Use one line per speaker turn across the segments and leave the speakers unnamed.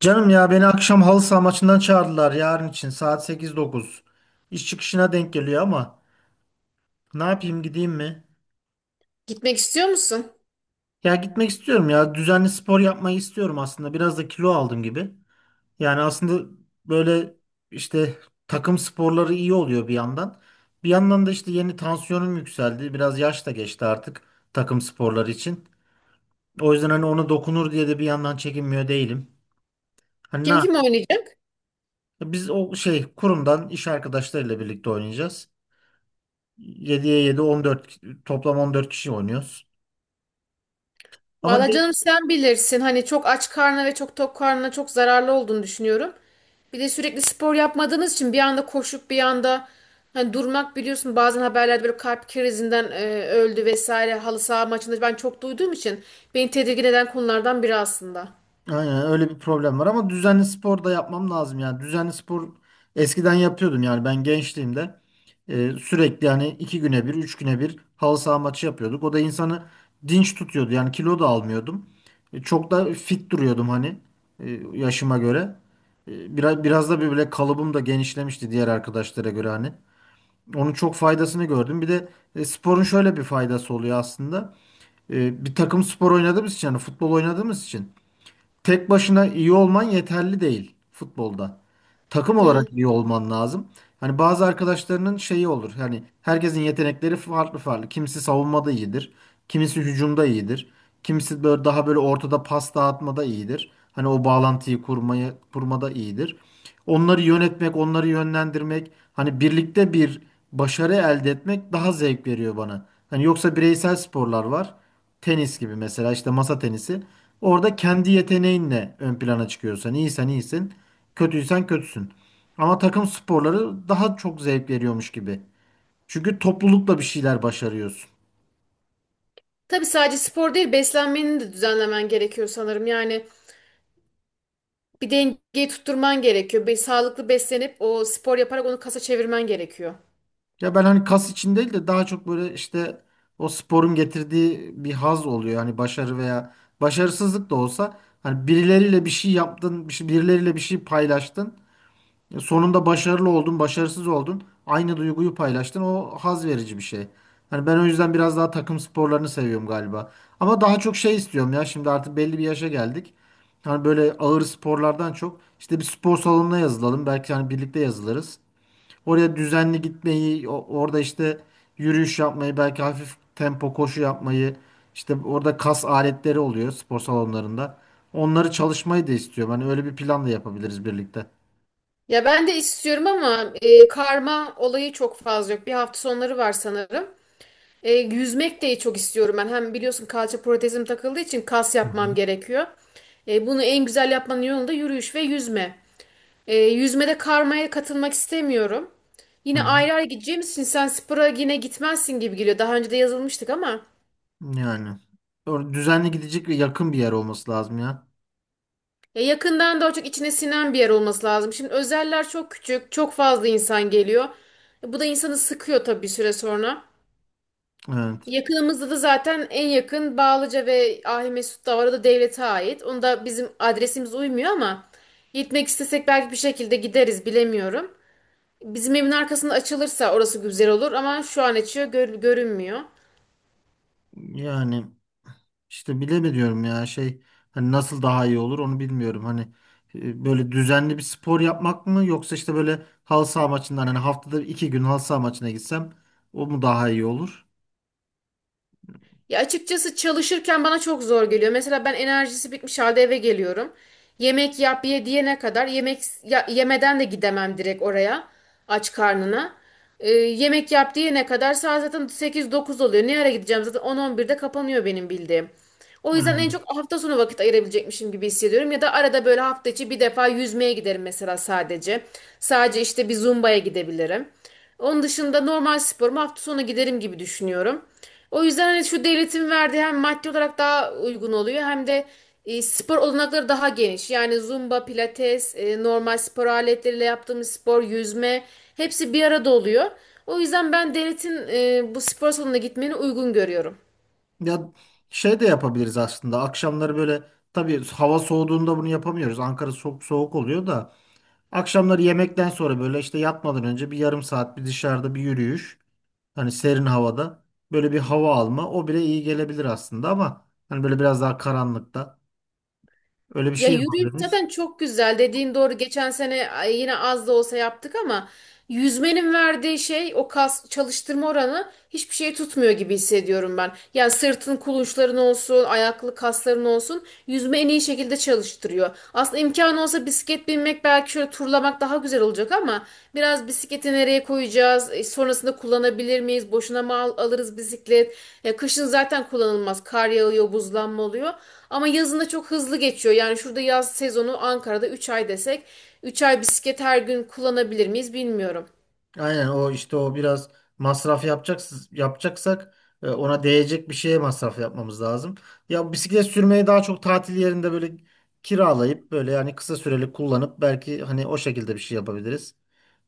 Canım, ya beni akşam halı saha maçından çağırdılar, yarın için saat sekiz dokuz. İş çıkışına denk geliyor ama ne yapayım, gideyim mi?
Gitmek istiyor musun?
Ya gitmek istiyorum, ya düzenli spor yapmayı istiyorum aslında, biraz da kilo aldım gibi. Yani aslında böyle işte takım sporları iyi oluyor bir yandan. Bir yandan da işte yeni tansiyonum yükseldi, biraz yaş da geçti artık takım sporları için. O yüzden hani ona dokunur diye de bir yandan çekinmiyor değilim. Hani ne
Kim
yap-
kim oynayacak?
Biz o şey kurumdan iş arkadaşlarıyla birlikte oynayacağız. 7'ye 7, 14, toplam 14 kişi oynuyoruz. Ama
Valla
ge-
canım, sen bilirsin. Hani çok aç karnına ve çok tok karnına çok zararlı olduğunu düşünüyorum. Bir de sürekli spor yapmadığınız için bir anda koşup bir anda hani durmak, biliyorsun, bazen haberlerde böyle kalp krizinden öldü vesaire halı saha maçında ben çok duyduğum için beni tedirgin eden konulardan biri aslında.
aynen öyle bir problem var ama düzenli spor da yapmam lazım yani. Düzenli spor eskiden yapıyordum, yani ben gençliğimde sürekli, yani iki güne bir, üç güne bir halı saha maçı yapıyorduk. O da insanı dinç tutuyordu. Yani kilo da almıyordum. Çok da fit duruyordum hani, yaşıma göre. Biraz da böyle kalıbım da genişlemişti diğer arkadaşlara göre hani. Onun çok faydasını gördüm. Bir de sporun şöyle bir faydası oluyor aslında. Bir takım spor oynadığımız için, yani futbol oynadığımız için tek başına iyi olman yeterli değil futbolda. Takım
Evet.
olarak iyi olman lazım. Hani bazı arkadaşlarının şeyi olur. Hani herkesin yetenekleri farklı farklı. Kimisi savunmada iyidir. Kimisi hücumda iyidir. Kimisi böyle daha böyle ortada pas dağıtmada iyidir. Hani o bağlantıyı kurmaya, kurmada iyidir. Onları yönetmek, onları yönlendirmek, hani birlikte bir başarı elde etmek daha zevk veriyor bana. Hani yoksa bireysel sporlar var. Tenis gibi mesela, işte masa tenisi. Orada kendi yeteneğinle ön plana çıkıyorsan, iyisen iyisin, kötüysen kötüsün. Ama takım sporları daha çok zevk veriyormuş gibi. Çünkü toplulukla bir şeyler başarıyorsun.
Tabii sadece spor değil, beslenmeni de düzenlemen gerekiyor sanırım. Yani bir dengeyi tutturman gerekiyor. Bir sağlıklı beslenip o spor yaparak onu kasa çevirmen gerekiyor.
Ya ben hani kas için değil de daha çok böyle işte o sporun getirdiği bir haz oluyor. Hani başarı veya başarısızlık da olsa hani birileriyle bir şey yaptın, birileriyle bir şey paylaştın. Sonunda başarılı oldun, başarısız oldun. Aynı duyguyu paylaştın. O haz verici bir şey. Hani ben o yüzden biraz daha takım sporlarını seviyorum galiba. Ama daha çok şey istiyorum ya. Şimdi artık belli bir yaşa geldik. Hani böyle ağır sporlardan çok işte bir spor salonuna yazılalım. Belki hani birlikte yazılırız. Oraya düzenli gitmeyi, orada işte yürüyüş yapmayı, belki hafif tempo koşu yapmayı, işte orada kas aletleri oluyor spor salonlarında. Onları çalışmayı da istiyorum. Hani öyle bir plan da yapabiliriz birlikte.
Ya ben de istiyorum ama karma olayı çok fazla yok. Bir, hafta sonları var sanırım. Yüzmek de çok istiyorum ben. Hem biliyorsun, kalça protezim takıldığı için kas
Hı
yapmam
hı.
gerekiyor. Bunu en güzel yapmanın yolu da yürüyüş ve yüzme. Yüzmede karmaya katılmak istemiyorum.
Hı
Yine
hı.
ayrı ayrı gideceğimiz için sen spora yine gitmezsin gibi geliyor. Daha önce de yazılmıştık ama
Yani düzenli gidecek ve yakın bir yer olması lazım ya.
ya yakından da çok içine sinen bir yer olması lazım. Şimdi özeller çok küçük, çok fazla insan geliyor. Bu da insanı sıkıyor tabii bir süre sonra.
Evet.
Yakınımızda da zaten en yakın Bağlıca ve Ahimesut da var. O da devlete ait. Onda bizim adresimiz uymuyor ama gitmek istesek belki bir şekilde gideriz, bilemiyorum. Bizim evin arkasında açılırsa orası güzel olur ama şu an açıyor görünmüyor.
Yani işte bilemiyorum ya şey, hani nasıl daha iyi olur onu bilmiyorum. Hani böyle düzenli bir spor yapmak mı, yoksa işte böyle halı saha maçından, hani haftada iki gün halı saha maçına gitsem o mu daha iyi olur?
Ya açıkçası çalışırken bana çok zor geliyor. Mesela ben enerjisi bitmiş halde eve geliyorum. Yemek yap, ye diyene kadar yemek yemeden de gidemem direkt oraya, aç karnına. Yemek yap diyene kadar saat zaten 8-9 oluyor. Ne ara gideceğim, zaten 10-11'de kapanıyor benim bildiğim. O yüzden
Yani
en çok hafta sonu vakit ayırabilecekmişim gibi hissediyorum. Ya da arada böyle hafta içi bir defa yüzmeye giderim mesela, sadece. Sadece işte bir zumbaya gidebilirim. Onun dışında normal sporuma hafta sonu giderim gibi düşünüyorum. O yüzden hani şu devletin verdiği hem maddi olarak daha uygun oluyor, hem de spor olanakları daha geniş. Yani zumba, pilates, normal spor aletleriyle yaptığımız spor, yüzme, hepsi bir arada oluyor. O yüzden ben devletin bu spor salonuna gitmeni uygun görüyorum.
ya şey de yapabiliriz aslında. Akşamları böyle, tabii hava soğuduğunda bunu yapamıyoruz. Ankara soğuk soğuk oluyor da, akşamları yemekten sonra böyle işte yatmadan önce bir yarım saat bir dışarıda bir yürüyüş. Hani serin havada böyle bir hava alma, o bile iyi gelebilir aslında, ama hani böyle biraz daha karanlıkta öyle bir
Ya
şey
yürüyüş
yapabiliriz.
zaten çok güzel. Dediğin doğru. Geçen sene ay, yine az da olsa yaptık ama yüzmenin verdiği şey, o kas çalıştırma oranı, hiçbir şey tutmuyor gibi hissediyorum ben. Yani sırtın kulunçların olsun, ayaklı kasların olsun, yüzme en iyi şekilde çalıştırıyor. Aslında imkanı olsa bisiklet binmek, belki şöyle turlamak daha güzel olacak ama biraz bisikleti nereye koyacağız? Sonrasında kullanabilir miyiz? Boşuna mı alırız bisiklet? Kışın zaten kullanılmaz. Kar yağıyor, buzlanma oluyor. Ama yazında çok hızlı geçiyor. Yani şurada yaz sezonu Ankara'da 3 ay desek, 3 ay bisiklet her gün kullanabilir miyiz bilmiyorum.
Aynen, o işte o biraz masraf yapacaksak, ona değecek bir şeye masraf yapmamız lazım. Ya bisiklet sürmeyi daha çok tatil yerinde böyle kiralayıp, böyle yani kısa süreli kullanıp, belki hani o şekilde bir şey yapabiliriz.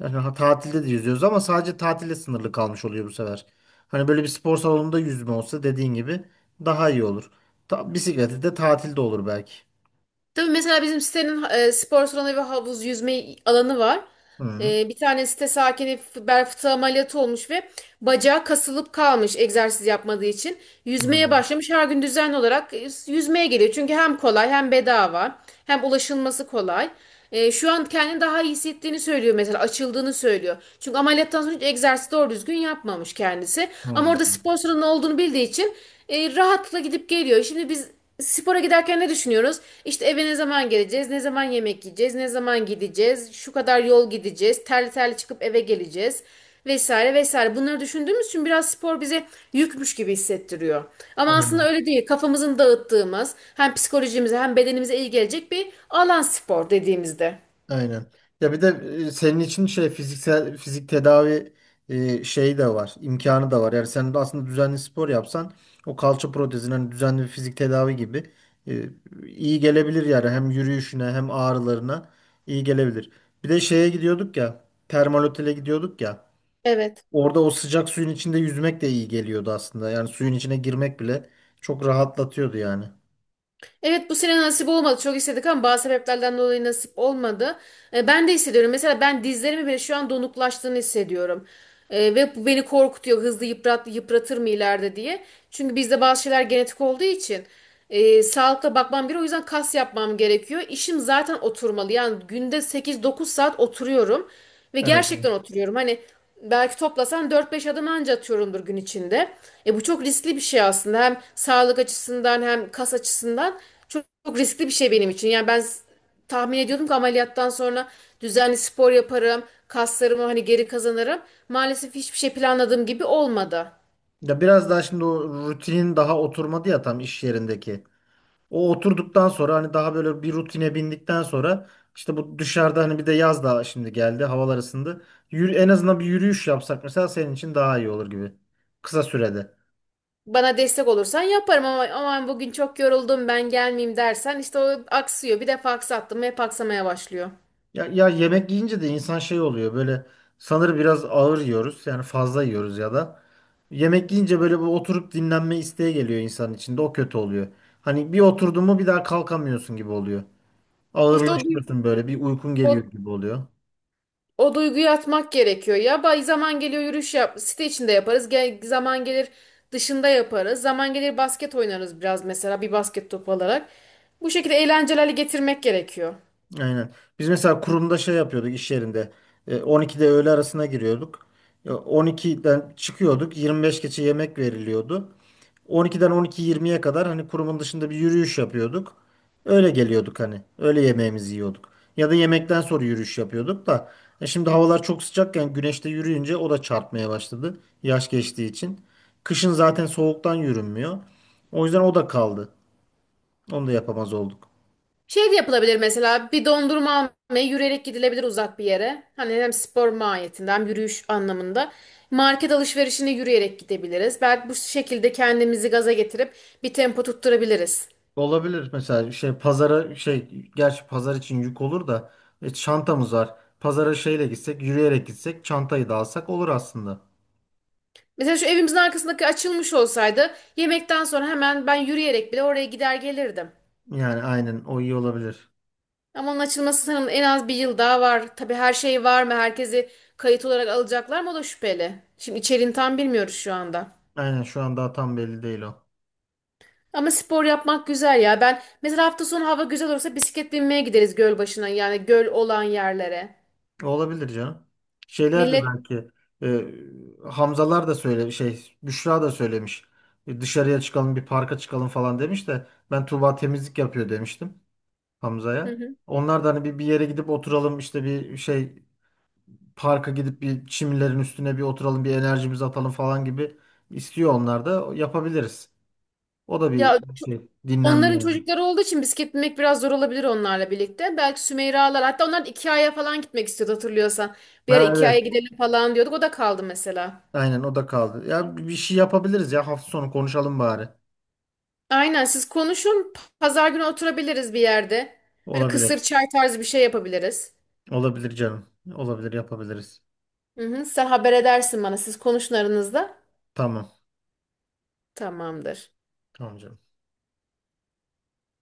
Yani tatilde de yüzüyoruz ama sadece tatile sınırlı kalmış oluyor bu sefer. Hani böyle bir spor salonunda yüzme olsa, dediğin gibi, daha iyi olur. Ta bisikleti de tatilde olur belki.
Tabii mesela bizim sitenin spor salonu ve havuz yüzme alanı var.
Hı.
Bir tane site sakini bel fıtığı ameliyatı olmuş ve bacağı kasılıp kalmış egzersiz yapmadığı için.
Hı.
Yüzmeye başlamış, her gün düzenli olarak yüzmeye geliyor. Çünkü hem kolay, hem bedava, hem ulaşılması kolay. Şu an kendini daha iyi hissettiğini söylüyor, mesela açıldığını söylüyor. Çünkü ameliyattan sonra hiç egzersiz doğru düzgün yapmamış kendisi. Ama orada spor salonu olduğunu bildiği için rahatlıkla gidip geliyor. Şimdi biz spora giderken ne düşünüyoruz? İşte eve ne zaman geleceğiz, ne zaman yemek yiyeceğiz, ne zaman gideceğiz, şu kadar yol gideceğiz, terli terli çıkıp eve geleceğiz, vesaire vesaire. Bunları düşündüğümüz için biraz spor bize yükmüş gibi hissettiriyor. Ama aslında
Hı.
öyle değil. Kafamızın dağıttığımız, hem psikolojimize hem bedenimize iyi gelecek bir alan spor, dediğimizde.
Aynen. Ya bir de senin için şey, fiziksel fizik tedavi şeyi de var, imkanı da var. Yani sen de aslında düzenli spor yapsan, o kalça protezine hani düzenli bir fizik tedavi gibi e, iyi gelebilir yani, hem yürüyüşüne hem ağrılarına iyi gelebilir. Bir de şeye gidiyorduk ya, termal otele gidiyorduk ya.
Evet.
Orada o sıcak suyun içinde yüzmek de iyi geliyordu aslında. Yani suyun içine girmek bile çok rahatlatıyordu yani.
Evet, bu sene nasip olmadı. Çok istedik ama bazı sebeplerden dolayı nasip olmadı. Ben de hissediyorum. Mesela ben dizlerimin bile şu an donuklaştığını hissediyorum. Ve bu beni korkutuyor. Hızlı yıpratır mı ileride diye. Çünkü bizde bazı şeyler genetik olduğu için sağlıkla bakmam gerekiyor. O yüzden kas yapmam gerekiyor. İşim zaten oturmalı. Yani günde 8-9 saat oturuyorum. Ve
Evet.
gerçekten oturuyorum. Hani, belki toplasan 4-5 adım anca atıyorumdur gün içinde. E, bu çok riskli bir şey aslında. Hem sağlık açısından hem kas açısından çok, çok riskli bir şey benim için. Yani ben tahmin ediyordum ki ameliyattan sonra düzenli spor yaparım, kaslarımı hani geri kazanırım. Maalesef hiçbir şey planladığım gibi olmadı.
Ya biraz daha şimdi o rutinin daha oturmadı ya tam, iş yerindeki. O oturduktan sonra, hani daha böyle bir rutine bindikten sonra, işte bu dışarıda, hani bir de yaz daha şimdi geldi, havalar ısındı. Yürü, en azından bir yürüyüş yapsak mesela, senin için daha iyi olur gibi. Kısa sürede.
Bana destek olursan yaparım ama aman bugün çok yoruldum ben gelmeyeyim dersen, işte o aksıyor. Bir defa aksattım, hep aksamaya başlıyor.
Ya, ya yemek yiyince de insan şey oluyor böyle, sanır biraz ağır yiyoruz yani, fazla yiyoruz ya da. Yemek yiyince böyle bu oturup dinlenme isteği geliyor insanın içinde, o kötü oluyor. Hani bir oturdun mu bir daha kalkamıyorsun gibi oluyor.
İşte o, du-
Ağırlaşıyorsun böyle, bir uykun geliyor
o
gibi oluyor.
O duyguyu atmak gerekiyor ya. Bay zaman geliyor, yürüyüş yap. Site içinde yaparız. Gel, zaman gelir dışında yaparız. Zaman gelir basket oynarız biraz mesela, bir basket topu alarak. Bu şekilde eğlencelerle getirmek gerekiyor.
Aynen. Biz mesela kurumda şey yapıyorduk iş yerinde. 12'de öğle arasına giriyorduk. 12'den çıkıyorduk. 25 geçe yemek veriliyordu. 12'den 12.20'ye kadar hani kurumun dışında bir yürüyüş yapıyorduk. Öyle geliyorduk hani. Öyle yemeğimizi yiyorduk. Ya da yemekten sonra yürüyüş yapıyorduk da. Şimdi havalar çok sıcakken güneşte yürüyünce o da çarpmaya başladı. Yaş geçtiği için. Kışın zaten soğuktan yürünmüyor. O yüzden o da kaldı. Onu da yapamaz olduk.
Şey de yapılabilir, mesela bir dondurma almaya yürüyerek gidilebilir uzak bir yere. Hani hem spor mahiyetinde hem yürüyüş anlamında. Market alışverişine yürüyerek gidebiliriz. Belki bu şekilde kendimizi gaza getirip bir tempo tutturabiliriz.
Olabilir mesela şey pazara şey, gerçi pazar için yük olur da, çantamız var. Pazara şeyle gitsek, yürüyerek gitsek, çantayı da alsak olur aslında.
Mesela şu evimizin arkasındaki açılmış olsaydı, yemekten sonra hemen ben yürüyerek bile oraya gider gelirdim.
Yani aynen o iyi olabilir.
Ama onun açılması sanırım en az bir yıl daha var. Tabii her şey var mı? Herkesi kayıt olarak alacaklar mı? O da şüpheli. Şimdi içeriğini tam bilmiyoruz şu anda.
Aynen şu an daha tam belli değil o.
Ama spor yapmak güzel ya. Ben mesela hafta sonu hava güzel olursa bisiklet binmeye gideriz göl başına. Yani göl olan yerlere.
Olabilir canım. Şeyler de
Millet.
belki Hamzalar da söyle şey Büşra da söylemiş. Dışarıya çıkalım, bir parka çıkalım falan demiş de ben Tuğba temizlik yapıyor demiştim
Hı
Hamza'ya.
hı.
Onlar da hani bir yere gidip oturalım, işte bir şey, parka gidip bir çimlerin üstüne bir oturalım, bir enerjimizi atalım falan gibi istiyor, onlar da yapabiliriz. O da bir
Ya,
şey, dinlenme
onların
yani.
çocukları olduğu için bisiklet binmek biraz zor olabilir onlarla birlikte. Belki Sümeyra'lar, hatta onlar da Ikea'ya falan gitmek istiyordu, hatırlıyorsan. Bir ara
Ha,
Ikea'ya
evet.
gidelim falan diyorduk, o da kaldı mesela.
Aynen o da kaldı. Ya bir şey yapabiliriz ya, hafta sonu konuşalım bari.
Aynen, siz konuşun, pazar günü oturabiliriz bir yerde. Böyle kısır
Olabilir.
çay tarzı bir şey yapabiliriz.
Olabilir canım. Olabilir, yapabiliriz.
Hı hı, sen haber edersin bana, siz konuşun aranızda.
Tamam.
Tamamdır.
Tamam canım.